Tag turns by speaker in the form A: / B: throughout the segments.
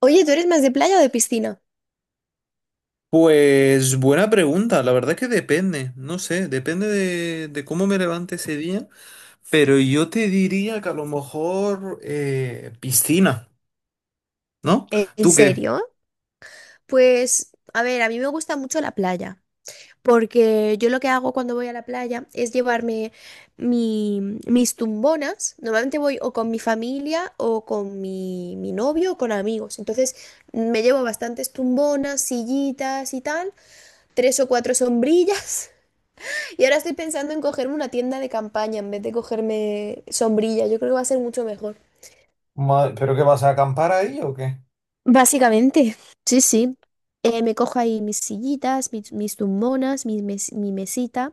A: Oye, ¿tú eres más de playa o de piscina?
B: Pues buena pregunta, la verdad que depende, no sé, depende de cómo me levante ese día, pero yo te diría que a lo mejor piscina, ¿no?
A: ¿En
B: ¿Tú qué?
A: serio? Pues, a ver, a mí me gusta mucho la playa, porque yo lo que hago cuando voy a la playa es llevarme mis tumbonas. Normalmente voy o con mi familia o con mi novio o con amigos. Entonces, me llevo bastantes tumbonas, sillitas y tal, tres o cuatro sombrillas. Y ahora estoy pensando en cogerme una tienda de campaña en vez de cogerme sombrilla. Yo creo que va a ser mucho mejor.
B: ¿Pero qué vas a acampar ahí o qué?
A: Básicamente, sí, sí. Me cojo ahí mis sillitas, mis tumbonas, mi mesita,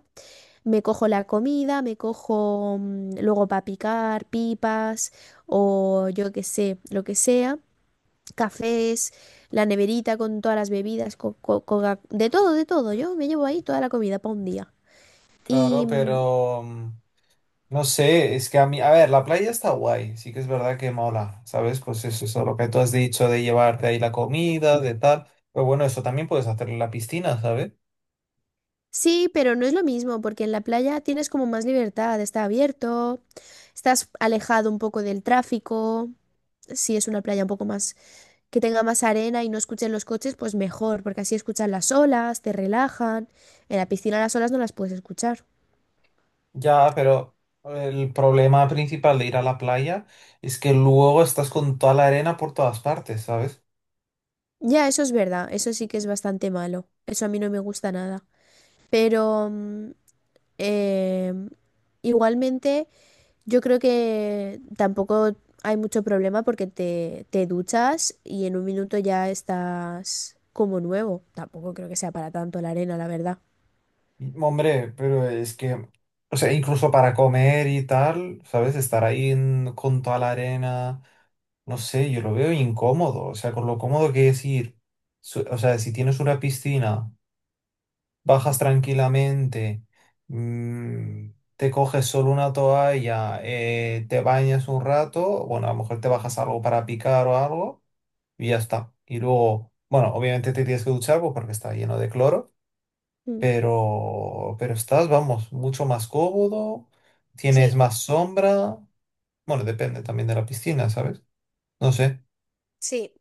A: me cojo la comida, me cojo luego para picar, pipas o yo qué sé, lo que sea, cafés, la neverita con todas las bebidas, de todo, de todo. Yo me llevo ahí toda la comida para un día. Y
B: Claro,
A: mm,
B: pero, no sé, es que a mí, a ver, la playa está guay, sí que es verdad que mola, ¿sabes? Pues eso, lo que tú has dicho de llevarte ahí la comida, de tal, pero bueno, eso también puedes hacer en la piscina, ¿sabes?
A: sí, pero no es lo mismo porque en la playa tienes como más libertad, está abierto, estás alejado un poco del tráfico si es una playa un poco más que tenga más arena y no escuchen los coches, pues mejor, porque así escuchan las olas, te relajan. En la piscina las olas no las puedes escuchar.
B: Ya, pero el problema principal de ir a la playa es que luego estás con toda la arena por todas partes, ¿sabes?
A: Ya, eso es verdad, eso sí que es bastante malo. Eso a mí no me gusta nada. Pero eh, igualmente yo creo que tampoco hay mucho problema porque te duchas y en un minuto ya estás como nuevo. Tampoco creo que sea para tanto la arena, la verdad.
B: Y, hombre, pero es que, o sea, incluso para comer y tal, ¿sabes? Estar ahí con toda la arena, no sé, yo lo veo incómodo, o sea, con lo cómodo que es ir, o sea, si tienes una piscina. Bajas tranquilamente, mm, te coges solo una toalla, te bañas un rato, bueno, a lo mejor te bajas algo para picar o algo y ya está. Y luego, bueno, obviamente te tienes que duchar pues, porque está lleno de cloro,
A: Mm.
B: pero estás, vamos, mucho más cómodo, tienes
A: Sí,
B: más sombra, bueno, depende también de la piscina, ¿sabes? No sé.
A: sí.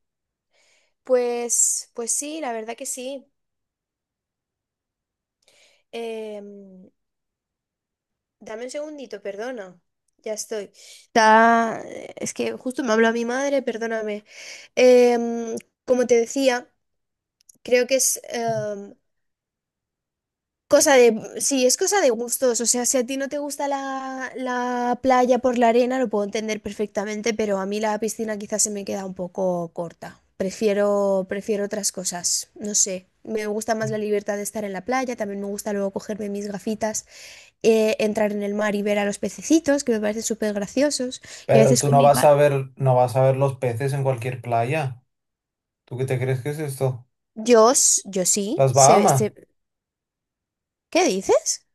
A: Pues, pues sí, la verdad que sí. Em, dame un segundito, perdona. Ya estoy. Está- Es que justo me habló mi madre, perdóname. Em, como te decía, creo que es cosa de... Sí, es cosa de gustos. O sea, si a ti no te gusta la playa por la arena, lo puedo entender perfectamente, pero a mí la piscina quizás se me queda un poco corta. Prefiero, prefiero otras cosas. No sé. Me gusta más la libertad de estar en la playa. También me gusta luego cogerme mis gafitas. Entrar en el mar y ver a los pececitos, que me parecen súper graciosos. Y a
B: Pero
A: veces
B: tú
A: con
B: no
A: mi
B: vas a
A: pa...
B: ver, no vas a ver los peces en cualquier playa. ¿Tú qué te crees que es esto?
A: Yo sí,
B: ¿Las
A: se ve,
B: Bahamas?
A: se- ¿Qué dices?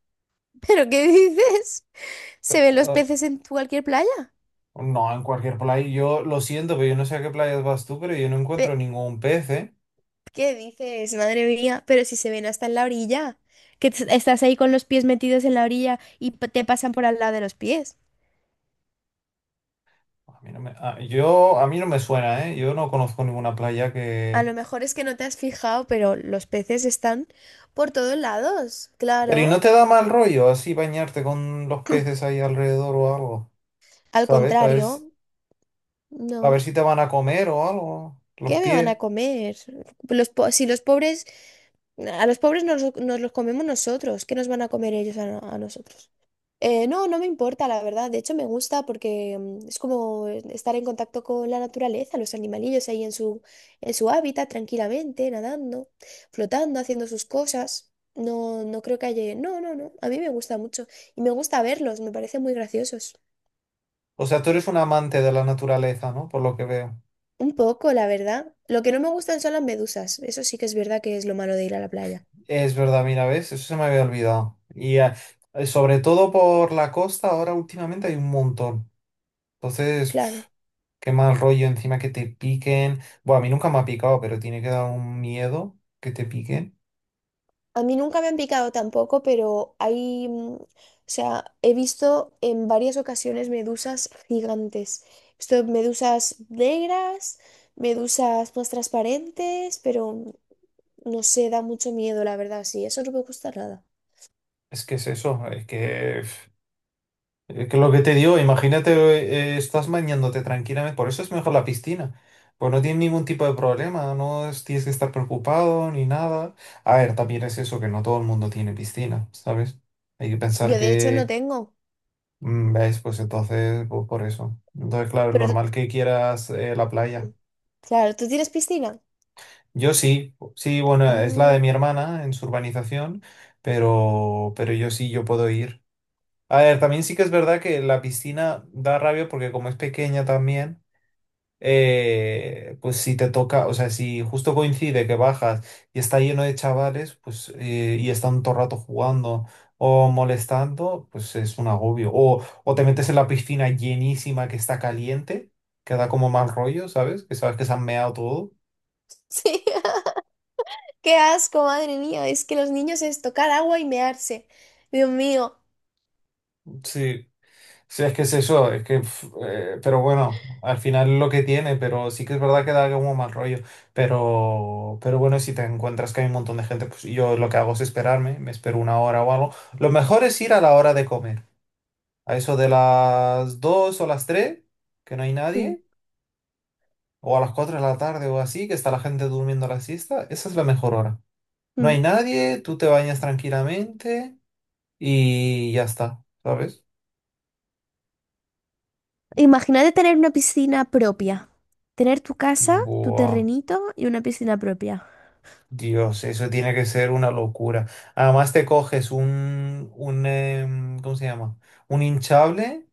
A: ¿Pero qué dices? ¿Se ven los peces en cualquier playa?
B: No, en cualquier playa. Yo lo siento, pero yo no sé a qué playas vas tú, pero yo no encuentro
A: Pe-
B: ningún pez, ¿eh?
A: ¿Qué dices? Madre mía, pero si se ven hasta en la orilla, que estás ahí con los pies metidos en la orilla y te pasan por al lado de los pies.
B: A mí no me, a- yo, a mí no me suena, ¿eh? Yo no conozco ninguna playa
A: A
B: que...
A: lo mejor es que no te has fijado, pero los peces están por todos lados,
B: ¿Pero y no
A: claro.
B: te da mal rollo así bañarte con los peces ahí alrededor o algo?
A: Al
B: ¿Sabes? A ver,
A: contrario,
B: a ver
A: no.
B: si te van a comer o algo, los
A: ¿Qué me van a
B: pies.
A: comer? Si los pobres, a los pobres nos los comemos nosotros, ¿qué nos van a comer ellos a nosotros? No, no me importa, la verdad. De hecho, me gusta porque es como estar en contacto con la naturaleza, los animalillos ahí en su hábitat, tranquilamente, nadando, flotando, haciendo sus cosas. No, no creo que haya... No, no, no. A mí me gusta mucho. Y me gusta verlos, me parecen muy graciosos.
B: O sea, tú eres un amante de la naturaleza, ¿no? Por lo que veo.
A: Un poco, la verdad. Lo que no me gustan son las medusas. Eso sí que es verdad que es lo malo de ir a la playa.
B: Es verdad, mira, ¿ves? Eso se me había olvidado. Y sobre todo por la costa, ahora últimamente hay un montón. Entonces...
A: Claro.
B: Qué mal rollo encima que te piquen. Bueno, a mí nunca me ha picado, pero tiene que dar un miedo que te piquen.
A: A mí nunca me han picado tampoco, pero o sea, he visto en varias ocasiones medusas gigantes. He visto medusas negras, medusas más transparentes, pero no sé, da mucho miedo, la verdad, sí, eso no me gusta nada.
B: Es que es eso, es que, pf, es que lo que te digo, imagínate, estás bañándote tranquilamente, por eso es mejor la piscina. Pues no tienes ningún tipo de problema, no es- tienes que estar preocupado ni nada. A ver, también es eso, que no todo el mundo tiene piscina, ¿sabes? Hay que pensar
A: Yo de hecho no
B: que,
A: tengo,
B: ¿ves? Pues entonces, pues por eso. Entonces, claro,
A: pero
B: normal
A: tú-
B: que quieras la playa.
A: claro, ¿tú tienes piscina?
B: Yo sí, sí, bueno, es la
A: Ah,
B: de mi hermana en su urbanización, pero yo sí, yo puedo ir. A ver, también sí que es verdad que la piscina da rabia porque como es pequeña también, pues si te toca, o sea, si justo coincide que bajas y está lleno de chavales, pues y están todo el rato jugando o molestando, pues es un agobio. O te metes en la piscina llenísima que está caliente, que da como mal rollo, ¿sabes? Que sabes que se han meado todo.
A: sí. Qué asco, madre mía, es que los niños es tocar agua y mearse. Dios mío.
B: Sí. Sí, es que es eso, es que, pf, pero bueno, al final lo que tiene, pero sí que es verdad que da como mal rollo, pero bueno, si te encuentras que hay un montón de gente, pues yo lo que hago es esperarme, me espero una hora o algo. Lo mejor es ir a la hora de comer, a eso de las 2 o las 3 que no hay
A: Mm,
B: nadie, o a las 4 de la tarde o así, que está la gente durmiendo la siesta, esa es la mejor hora. No
A: mm.
B: hay nadie, tú te bañas tranquilamente y ya está, ¿sabes?
A: Imagínate tener una piscina propia. Tener tu casa, tu
B: Buah.
A: terrenito y una piscina propia.
B: Dios, eso tiene que ser una locura. Además te coges un, un, ¿cómo se llama? Un hinchable,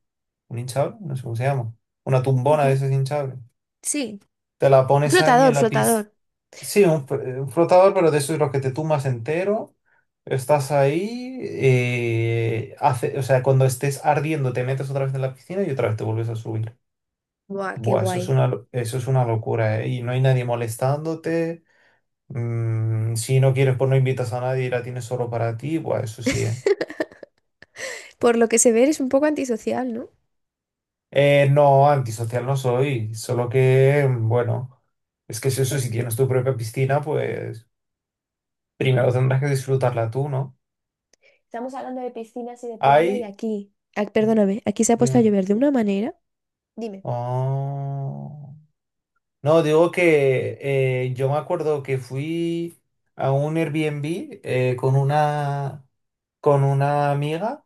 B: un hinchable, no sé cómo se llama. Una tumbona de
A: Ujú.
B: esos hinchables.
A: Sí.
B: Te la pones ahí
A: Flotador,
B: en la piscina.
A: flotador.
B: Sí, un, un flotador, pero de esos los que te tumbas entero. Estás ahí, hace, o sea, cuando estés ardiendo te metes otra vez en la piscina y otra vez te vuelves a subir.
A: Buah, qué
B: Buah, eso es
A: guay.
B: una, eso es una locura, ¿eh? Y no hay nadie molestándote. Si no quieres, pues no invitas a nadie y la tienes solo para ti, pues eso sí, ¿eh?
A: Por lo que se ve, eres un poco antisocial, ¿no?
B: No, antisocial no soy, solo que, bueno, es que es eso, si tienes tu propia piscina, pues primero tendrás que disfrutarla tú, ¿no?
A: Estamos hablando de piscinas y de playa y
B: Hay...
A: aquí. Ah, perdóname, aquí se ha puesto a
B: Dime.
A: llover de una manera. Dime.
B: Oh. No, digo que yo me acuerdo que fui a un Airbnb eh, con una, con una amiga.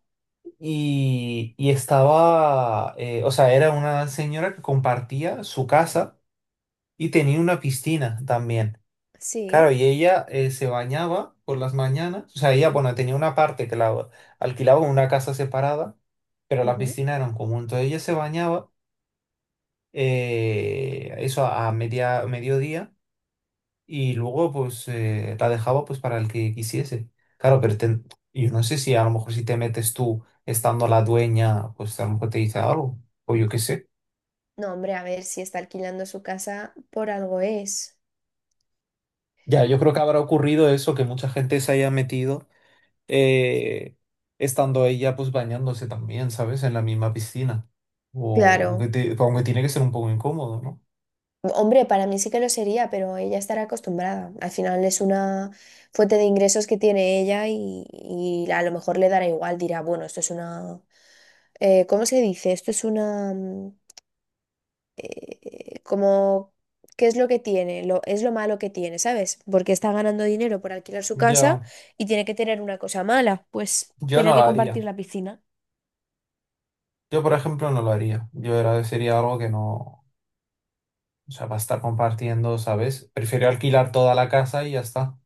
B: Y, y estaba, o sea, era una señora que compartía su casa y tenía una piscina también.
A: Sí.
B: Claro, y ella se bañaba por las mañanas, o sea, ella, bueno, tenía una parte que la alquilaba en una casa separada, pero la
A: Ujú.
B: piscina era un común. Entonces ella se bañaba, eso a media, mediodía y luego pues la dejaba pues para el que quisiese. Claro, yo no sé si a lo mejor si te metes tú estando la dueña, pues a lo mejor te dice algo, o yo qué sé.
A: No, hombre, a ver si está alquilando su casa por algo es.
B: Ya, yo creo que habrá ocurrido eso, que mucha gente se haya metido eh, estando ella pues bañándose también, ¿sabes? En la misma piscina. O
A: Claro.
B: que aunque tiene que ser un poco incómodo, ¿no?
A: Hombre, para mí sí que lo sería, pero ella estará acostumbrada. Al final es una fuente de ingresos que tiene ella y a lo mejor le dará igual, dirá, bueno, esto es una... ¿cómo se dice? Esto es una... como... ¿Qué es lo que tiene? Es lo malo que tiene, ¿sabes? Porque está ganando dinero por alquilar su casa
B: Ya,
A: y tiene que tener una cosa mala, pues
B: yo
A: tener
B: no lo
A: que
B: haría.
A: compartir la piscina.
B: Yo, por ejemplo, no lo haría. Yo era, sería algo que no. O sea, va a estar compartiendo, ¿sabes? Prefiero alquilar toda la casa y ya está.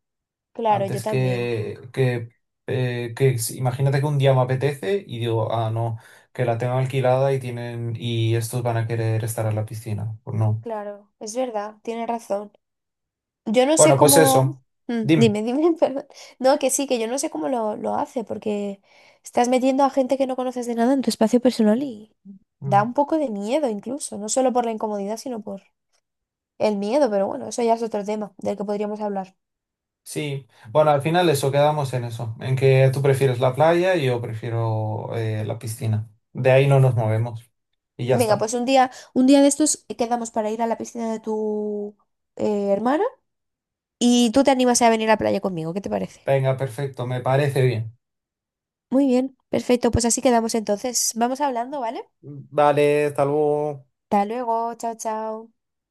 A: Claro, yo
B: Antes
A: también.
B: que, imagínate que un día me apetece y digo, ah, no, que la tengo alquilada y tienen, y estos van a querer estar en la piscina. Pues no.
A: Claro, es verdad, tiene razón. Yo no sé
B: Bueno, pues
A: cómo...
B: eso. Dime.
A: Dime, dime, perdón. No, que sí, que yo no sé cómo lo hace, porque estás metiendo a gente que no conoces de nada en tu espacio personal y da
B: Mm,
A: un poco de miedo incluso, no solo por la incomodidad, sino por el miedo, pero bueno, eso ya es otro tema del que podríamos hablar.
B: Sí. Bueno, al final eso, quedamos en eso. En que tú prefieres la playa y yo prefiero la piscina. De ahí no nos movemos. Y ya
A: Venga,
B: está.
A: pues un día de estos quedamos para ir a la piscina de tu hermana y tú te animas a venir a la playa conmigo, ¿qué te parece?
B: Venga, perfecto, me parece bien.
A: Muy bien, perfecto, pues así quedamos entonces. Vamos hablando, ¿vale?
B: Vale, hasta luego.
A: Hasta luego, chao, chao.